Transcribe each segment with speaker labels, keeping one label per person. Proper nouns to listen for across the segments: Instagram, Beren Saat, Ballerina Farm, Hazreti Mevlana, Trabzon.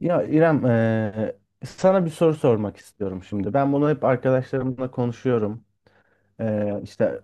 Speaker 1: Ya İrem, sana bir soru sormak istiyorum şimdi. Ben bunu hep arkadaşlarımla konuşuyorum. İşte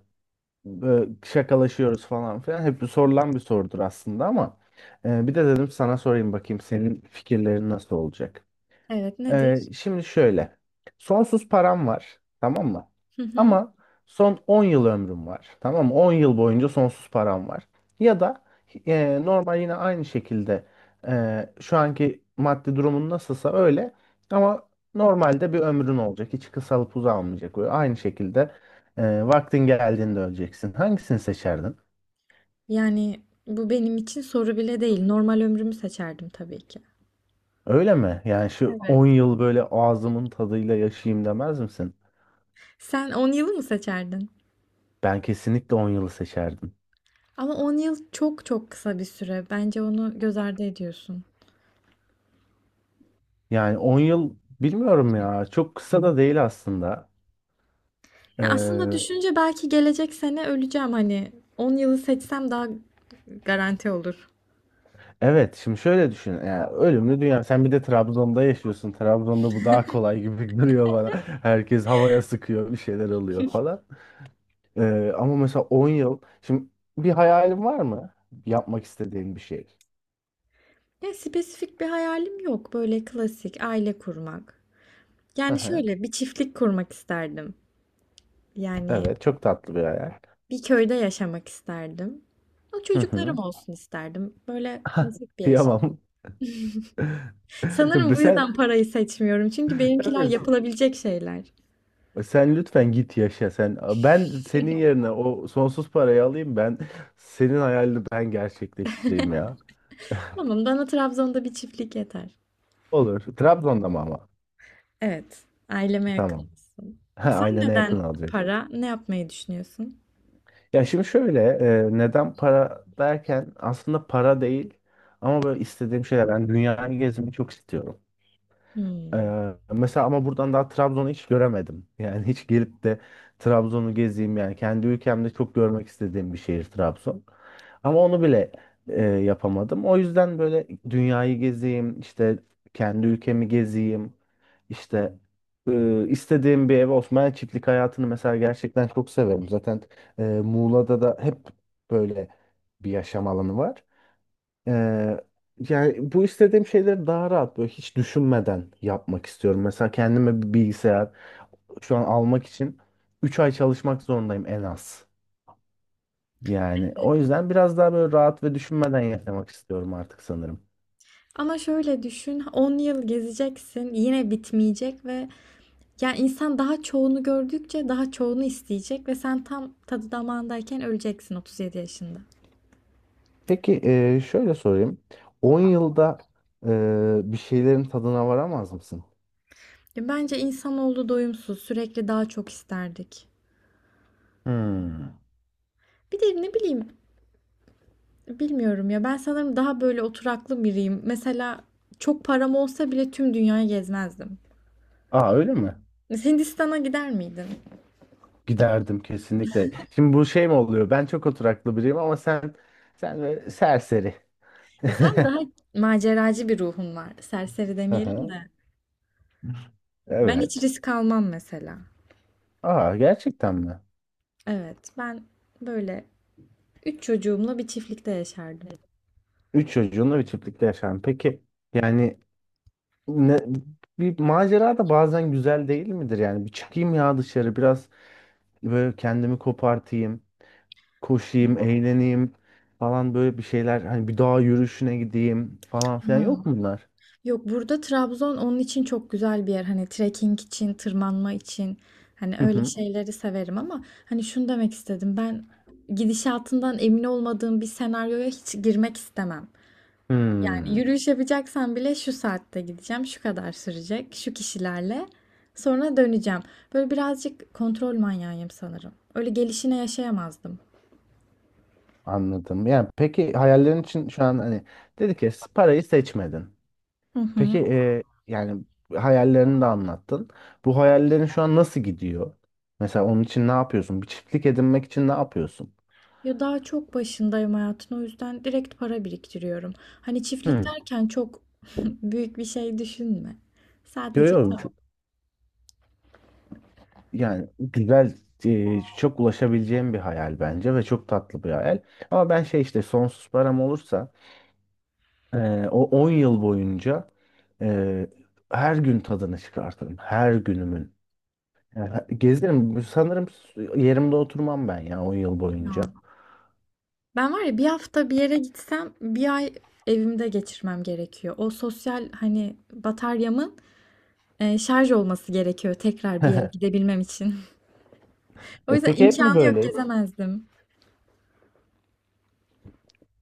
Speaker 1: şakalaşıyoruz falan filan. Hep bir sorulan bir sorudur aslında ama bir de dedim sana sorayım bakayım senin fikirlerin nasıl olacak?
Speaker 2: Evet, nedir?
Speaker 1: Şimdi şöyle. Sonsuz param var. Tamam mı?
Speaker 2: Hı hı.
Speaker 1: Ama son 10 yıl ömrüm var. Tamam mı? 10 yıl boyunca sonsuz param var. Ya da normal yine aynı şekilde şu anki maddi durumun nasılsa öyle. Ama normalde bir ömrün olacak. Hiç kısalıp uzanmayacak. Böyle aynı şekilde vaktin geldiğinde öleceksin. Hangisini seçerdin?
Speaker 2: Yani bu benim için soru bile değil. Normal ömrümü seçerdim tabii ki.
Speaker 1: Öyle mi? Yani şu
Speaker 2: Evet.
Speaker 1: 10 yıl böyle ağzımın tadıyla yaşayayım demez misin?
Speaker 2: Sen 10'u mı seçerdin?
Speaker 1: Ben kesinlikle 10 yılı seçerdim.
Speaker 2: Ama 10 yıl çok çok kısa bir süre. Bence onu göz ardı ediyorsun.
Speaker 1: Yani 10 yıl bilmiyorum ya. Çok kısa da değil aslında.
Speaker 2: Ya aslında
Speaker 1: Ee,
Speaker 2: düşünce belki gelecek sene öleceğim hani 10'u seçsem daha garanti olur.
Speaker 1: evet şimdi şöyle düşün. Yani ölümlü dünya. Sen bir de Trabzon'da yaşıyorsun. Trabzon'da bu daha kolay gibi duruyor bana. Herkes havaya sıkıyor. Bir şeyler oluyor falan. Ama mesela 10 yıl. Şimdi bir hayalin var mı? Yapmak istediğin bir şey.
Speaker 2: Ya spesifik bir hayalim yok. Böyle klasik aile kurmak.
Speaker 1: Hı
Speaker 2: Yani
Speaker 1: hı.
Speaker 2: şöyle bir çiftlik kurmak isterdim. Yani
Speaker 1: Evet, çok tatlı bir hayal.
Speaker 2: bir köyde yaşamak isterdim. Ama
Speaker 1: Hı
Speaker 2: çocuklarım
Speaker 1: hı.
Speaker 2: olsun isterdim. Böyle basit bir yaşam.
Speaker 1: Kıyamam.
Speaker 2: Sanırım bu
Speaker 1: Sen,
Speaker 2: yüzden parayı seçmiyorum. Çünkü benimkiler
Speaker 1: evet,
Speaker 2: yapılabilecek şeyler.
Speaker 1: sen lütfen git yaşa sen. Ben senin yerine o sonsuz parayı alayım, ben senin hayalini ben gerçekleştireyim ya.
Speaker 2: Tamam, bana Trabzon'da bir çiftlik yeter.
Speaker 1: Olur. Trabzon'da mı ama?
Speaker 2: Evet, aileme yakın
Speaker 1: Tamam.
Speaker 2: olsun.
Speaker 1: Ha,
Speaker 2: Sen
Speaker 1: ailene yakın
Speaker 2: neden
Speaker 1: alacaksın.
Speaker 2: para? Ne yapmayı düşünüyorsun?
Speaker 1: Ya şimdi şöyle neden para derken aslında para değil ama böyle istediğim şeyler. Ben dünyayı gezmeyi çok istiyorum.
Speaker 2: Hmm.
Speaker 1: Mesela ama buradan daha Trabzon'u hiç göremedim. Yani hiç gelip de Trabzon'u gezeyim, yani kendi ülkemde çok görmek istediğim bir şehir Trabzon. Ama onu bile yapamadım. O yüzden böyle dünyayı gezeyim, işte kendi ülkemi gezeyim, işte istediğim bir ev, Osmanlı çiftlik hayatını mesela gerçekten çok severim. Zaten Muğla'da da hep böyle bir yaşam alanı var. Ee, yani bu istediğim şeyleri daha rahat, böyle hiç düşünmeden yapmak istiyorum. Mesela kendime bir bilgisayar şu an almak için 3 ay çalışmak zorundayım en az. Yani o yüzden biraz daha böyle rahat ve düşünmeden yaşamak istiyorum artık sanırım.
Speaker 2: Ama şöyle düşün, 10 yıl gezeceksin, yine bitmeyecek ve ya insan daha çoğunu gördükçe daha çoğunu isteyecek ve sen tam tadı damağındayken öleceksin 37 yaşında.
Speaker 1: Peki şöyle sorayım. 10 yılda bir şeylerin tadına varamaz mısın?
Speaker 2: Ya bence insanoğlu doyumsuz, sürekli daha çok isterdik.
Speaker 1: Hmm.
Speaker 2: Bir de ne bileyim, bilmiyorum ya ben sanırım daha böyle oturaklı biriyim. Mesela çok param olsa bile tüm dünyayı gezmezdim.
Speaker 1: Aa, öyle mi?
Speaker 2: Hindistan'a gider miydin?
Speaker 1: Giderdim kesinlikle. Şimdi bu şey mi oluyor? Ben çok oturaklı biriyim ama sen böyle serseri.
Speaker 2: Ya sen daha maceracı bir ruhun var. Serseri demeyelim
Speaker 1: Aha,
Speaker 2: de. Ben hiç
Speaker 1: evet.
Speaker 2: risk almam mesela.
Speaker 1: Aa, gerçekten mi?
Speaker 2: Evet, ben böyle üç çocuğumla bir çiftlikte yaşardım.
Speaker 1: Üç çocuğunla bir çiftlikte yaşam. Peki yani ne, bir macera da bazen güzel değil midir? Yani bir çıkayım ya dışarı, biraz böyle kendimi kopartayım, koşayım, eğleneyim falan, böyle bir şeyler. Hani bir dağ yürüyüşüne gideyim falan filan,
Speaker 2: Ha.
Speaker 1: yok mu bunlar?
Speaker 2: Yok, burada Trabzon onun için çok güzel bir yer. Hani trekking için, tırmanma için. Hani
Speaker 1: Hı
Speaker 2: öyle
Speaker 1: hı.
Speaker 2: şeyleri severim ama hani şunu demek istedim. Ben gidişatından emin olmadığım bir senaryoya hiç girmek istemem. Yani
Speaker 1: Hmm.
Speaker 2: yürüyüş yapacaksan bile şu saatte gideceğim, şu kadar sürecek, şu kişilerle sonra döneceğim. Böyle birazcık kontrol manyağıyım sanırım. Öyle gelişine yaşayamazdım.
Speaker 1: Anladım. Yani peki hayallerin için şu an hani dedi ki parayı seçmedin.
Speaker 2: Hı hı.
Speaker 1: Peki yani hayallerini de anlattın. Bu hayallerin şu an nasıl gidiyor? Mesela onun için ne yapıyorsun? Bir çiftlik edinmek için ne yapıyorsun?
Speaker 2: Ya daha çok başındayım hayatın, o yüzden direkt para biriktiriyorum. Hani çiftlik
Speaker 1: Hmm.
Speaker 2: derken çok büyük bir şey düşünme. Sadece
Speaker 1: Görüyorum.
Speaker 2: tamam.
Speaker 1: Yani güzel, çok ulaşabileceğim bir hayal bence ve çok tatlı bir hayal. Ama ben şey işte sonsuz param olursa o 10 yıl boyunca e, her gün tadını çıkartırım. Her günümün. Ya, gezerim. Sanırım yerimde oturmam ben ya o yıl boyunca.
Speaker 2: Ben var ya, bir hafta bir yere gitsem bir ay evimde geçirmem gerekiyor. O sosyal hani bataryamın şarj olması gerekiyor tekrar bir yere gidebilmem için. O yüzden
Speaker 1: Peki hep mi
Speaker 2: imkanı yok,
Speaker 1: böyleydi?
Speaker 2: gezemezdim.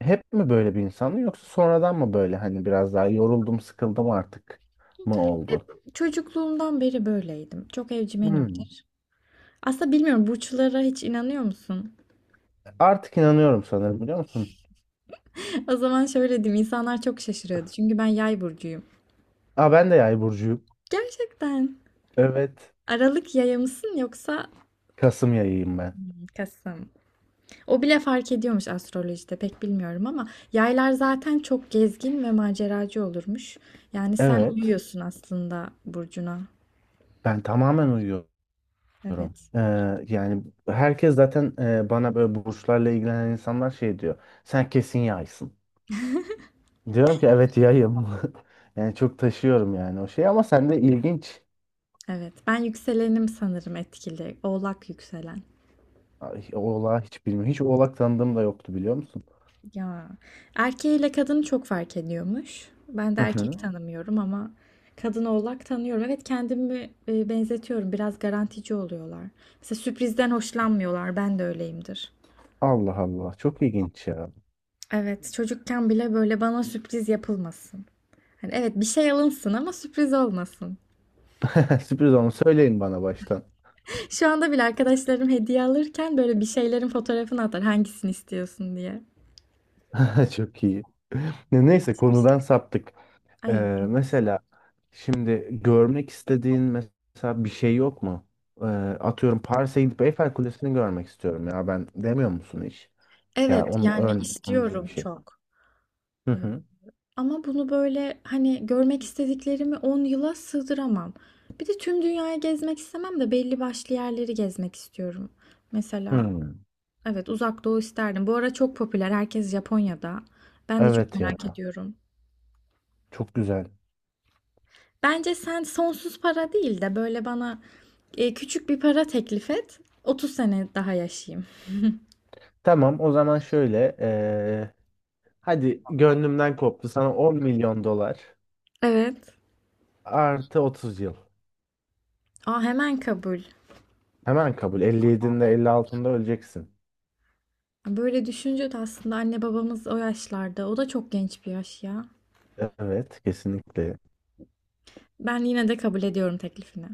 Speaker 1: Hep mi böyle bir insan, yoksa sonradan mı böyle hani biraz daha yoruldum, sıkıldım artık mı oldu?
Speaker 2: Çocukluğumdan beri böyleydim. Çok
Speaker 1: Hmm.
Speaker 2: evcimenimdir. Aslında bilmiyorum, burçlara hiç inanıyor musun?
Speaker 1: Artık inanıyorum sanırım, biliyor musun?
Speaker 2: O zaman şöyle diyeyim, insanlar çok şaşırıyordu. Çünkü ben yay burcuyum.
Speaker 1: Aa, ben de yay burcuyum.
Speaker 2: Gerçekten.
Speaker 1: Evet.
Speaker 2: Aralık yaya mısın yoksa
Speaker 1: Kasım yayıyım ben.
Speaker 2: Hmm, Kasım? O bile fark ediyormuş, astrolojide pek bilmiyorum ama yaylar zaten çok gezgin ve maceracı olurmuş. Yani sen
Speaker 1: Evet.
Speaker 2: uyuyorsun aslında burcuna.
Speaker 1: Ben tamamen uyuyorum.
Speaker 2: Evet.
Speaker 1: Ee, yani herkes zaten bana, böyle burçlarla ilgilenen insanlar şey diyor. Sen kesin yaysın. Diyorum ki evet, yayım. Yani çok taşıyorum yani o şeyi, ama sende ilginç.
Speaker 2: Evet. Ben yükselenim sanırım etkili. Oğlak yükselen.
Speaker 1: Ay, oğlağı hiç bilmiyorum. Hiç oğlak tanıdığım da yoktu, biliyor musun?
Speaker 2: Ya. Erkeğiyle kadını çok fark ediyormuş. Ben de
Speaker 1: Hı
Speaker 2: erkek
Speaker 1: hı.
Speaker 2: tanımıyorum ama kadın oğlak tanıyorum. Evet, kendimi benzetiyorum. Biraz garantici oluyorlar. Mesela sürprizden hoşlanmıyorlar. Ben de öyleyimdir.
Speaker 1: Allah Allah, çok ilginç ya.
Speaker 2: Evet, çocukken bile böyle bana sürpriz yapılmasın. Hani evet bir şey alınsın ama sürpriz olmasın.
Speaker 1: Sürpriz, onu söyleyin bana baştan.
Speaker 2: Şu anda bile arkadaşlarım hediye alırken böyle bir şeylerin fotoğrafını atar hangisini istiyorsun diye.
Speaker 1: Çok iyi. Neyse, konudan saptık. Ee,
Speaker 2: Ay,
Speaker 1: mesela şimdi görmek istediğin mesela bir şey yok mu? Ee, atıyorum Paris'e gidip Eyfel Kulesi'ni görmek istiyorum ya ben, demiyor musun hiç? Ya
Speaker 2: evet
Speaker 1: onun
Speaker 2: yani
Speaker 1: örneği, onun gibi bir
Speaker 2: istiyorum
Speaker 1: şey.
Speaker 2: çok.
Speaker 1: Hı
Speaker 2: Ee,
Speaker 1: hı.
Speaker 2: Ama bunu böyle hani görmek istediklerimi 10'a sığdıramam. Bir de tüm dünyayı gezmek istemem de, belli başlı yerleri gezmek istiyorum. Mesela
Speaker 1: Hı.
Speaker 2: evet, Uzak Doğu isterdim. Bu ara çok popüler, herkes Japonya'da. Ben de çok
Speaker 1: Evet ya.
Speaker 2: merak ediyorum.
Speaker 1: Çok güzel.
Speaker 2: Bence sen sonsuz para değil de böyle bana küçük bir para teklif et. 30 sene daha yaşayayım.
Speaker 1: Tamam, o zaman şöyle. Hadi gönlümden koptu. Sana 10 milyon dolar
Speaker 2: Evet.
Speaker 1: artı 30 yıl.
Speaker 2: Aa, hemen kabul.
Speaker 1: Hemen kabul. 57'inde 56'ında öleceksin.
Speaker 2: Böyle düşünce de aslında anne babamız o yaşlarda. O da çok genç bir yaş ya.
Speaker 1: Evet, kesinlikle.
Speaker 2: Ben yine de kabul ediyorum teklifini.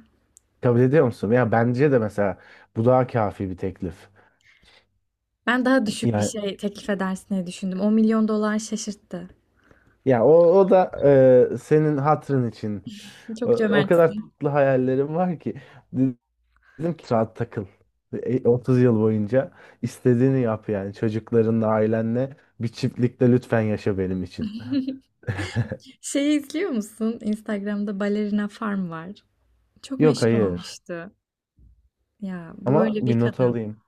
Speaker 1: Kabul ediyor musun? Ya bence de mesela bu daha kafi bir teklif.
Speaker 2: Ben daha düşük bir
Speaker 1: Yani
Speaker 2: şey teklif edersin diye düşündüm. 10 milyon dolar şaşırttı.
Speaker 1: ya o da senin hatırın için. O,
Speaker 2: Çok
Speaker 1: o kadar
Speaker 2: cömertsin.
Speaker 1: tatlı hayallerim var ki. Dedim ki rahat takıl. 30 yıl boyunca istediğini yap, yani çocuklarınla, ailenle bir çiftlikte lütfen yaşa benim için.
Speaker 2: Şeyi izliyor musun? Instagram'da Ballerina Farm var. Çok
Speaker 1: Yok,
Speaker 2: meşhur
Speaker 1: hayır
Speaker 2: olmuştu. Ya bu
Speaker 1: ama
Speaker 2: böyle bir
Speaker 1: bir not
Speaker 2: kadın.
Speaker 1: alayım.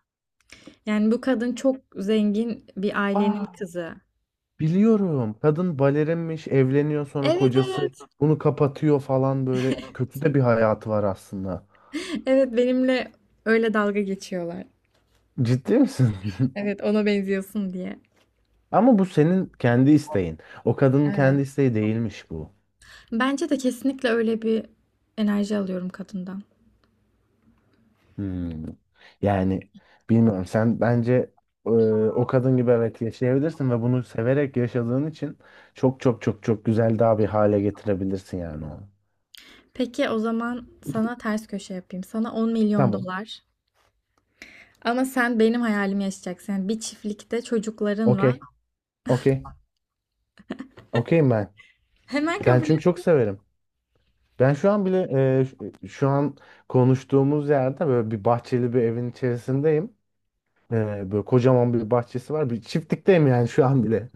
Speaker 2: Yani bu kadın çok zengin bir ailenin
Speaker 1: Aa,
Speaker 2: kızı.
Speaker 1: biliyorum, kadın balerinmiş, evleniyor, sonra
Speaker 2: Evet,
Speaker 1: kocası
Speaker 2: evet.
Speaker 1: bunu kapatıyor falan, böyle kötü de bir hayatı var aslında.
Speaker 2: Evet, benimle öyle dalga geçiyorlar.
Speaker 1: Ciddi misin?
Speaker 2: Evet, ona benziyorsun diye.
Speaker 1: Ama bu senin kendi isteğin. O kadının kendi
Speaker 2: Evet.
Speaker 1: isteği değilmiş bu.
Speaker 2: Bence de kesinlikle öyle bir enerji alıyorum kadından.
Speaker 1: Hmm. Yani bilmiyorum, sen bence e, o kadın gibi evet yaşayabilirsin ve bunu severek yaşadığın için çok çok çok çok güzel, daha bir hale getirebilirsin yani onu.
Speaker 2: Peki o zaman sana ters köşe yapayım. Sana 10 milyon
Speaker 1: Tamam.
Speaker 2: dolar. Ama sen benim hayalimi yaşayacaksın. Yani bir çiftlikte çocuklarınla.
Speaker 1: Okey. Okey. Okeyim ben.
Speaker 2: Hemen
Speaker 1: Ben
Speaker 2: kabul et.
Speaker 1: çünkü çok severim. Ben şu an bile şu an konuştuğumuz yerde böyle bir bahçeli bir evin içerisindeyim. Böyle kocaman bir bahçesi var. Bir çiftlikteyim yani şu an bile.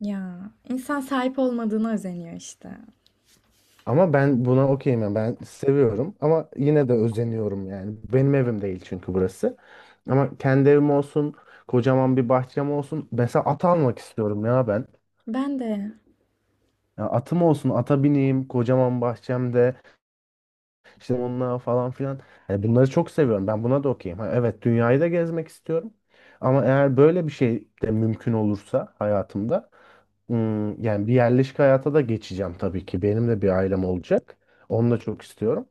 Speaker 2: Ya insan sahip olmadığına özeniyor işte.
Speaker 1: Ama ben buna okeyim yani. Ben seviyorum ama yine de özeniyorum yani. Benim evim değil çünkü burası. Ama kendi evim olsun, kocaman bir bahçem olsun. Mesela at almak istiyorum ya ben.
Speaker 2: Ben de
Speaker 1: Ya atım olsun, ata bineyim, kocaman bahçemde. İşte onunla falan filan. Hani bunları çok seviyorum. Ben buna da okeyim. Ha, evet, dünyayı da gezmek istiyorum. Ama eğer böyle bir şey de mümkün olursa hayatımda, yani bir yerleşik hayata da geçeceğim tabii ki. Benim de bir ailem olacak. Onu da çok istiyorum.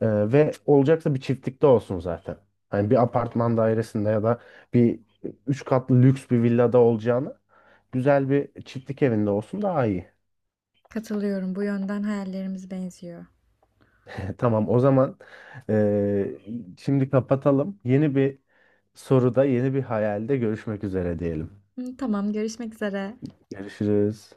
Speaker 1: Ee, ve olacaksa bir çiftlikte olsun zaten. Hani bir apartman dairesinde ya da bir üç katlı lüks bir villada olacağını güzel bir çiftlik evinde olsun daha iyi.
Speaker 2: katılıyorum. Bu yönden hayallerimiz benziyor.
Speaker 1: Tamam, o zaman ee, şimdi kapatalım. Yeni bir soruda, yeni bir hayalde görüşmek üzere diyelim.
Speaker 2: Hı, tamam, görüşmek üzere.
Speaker 1: Görüşürüz.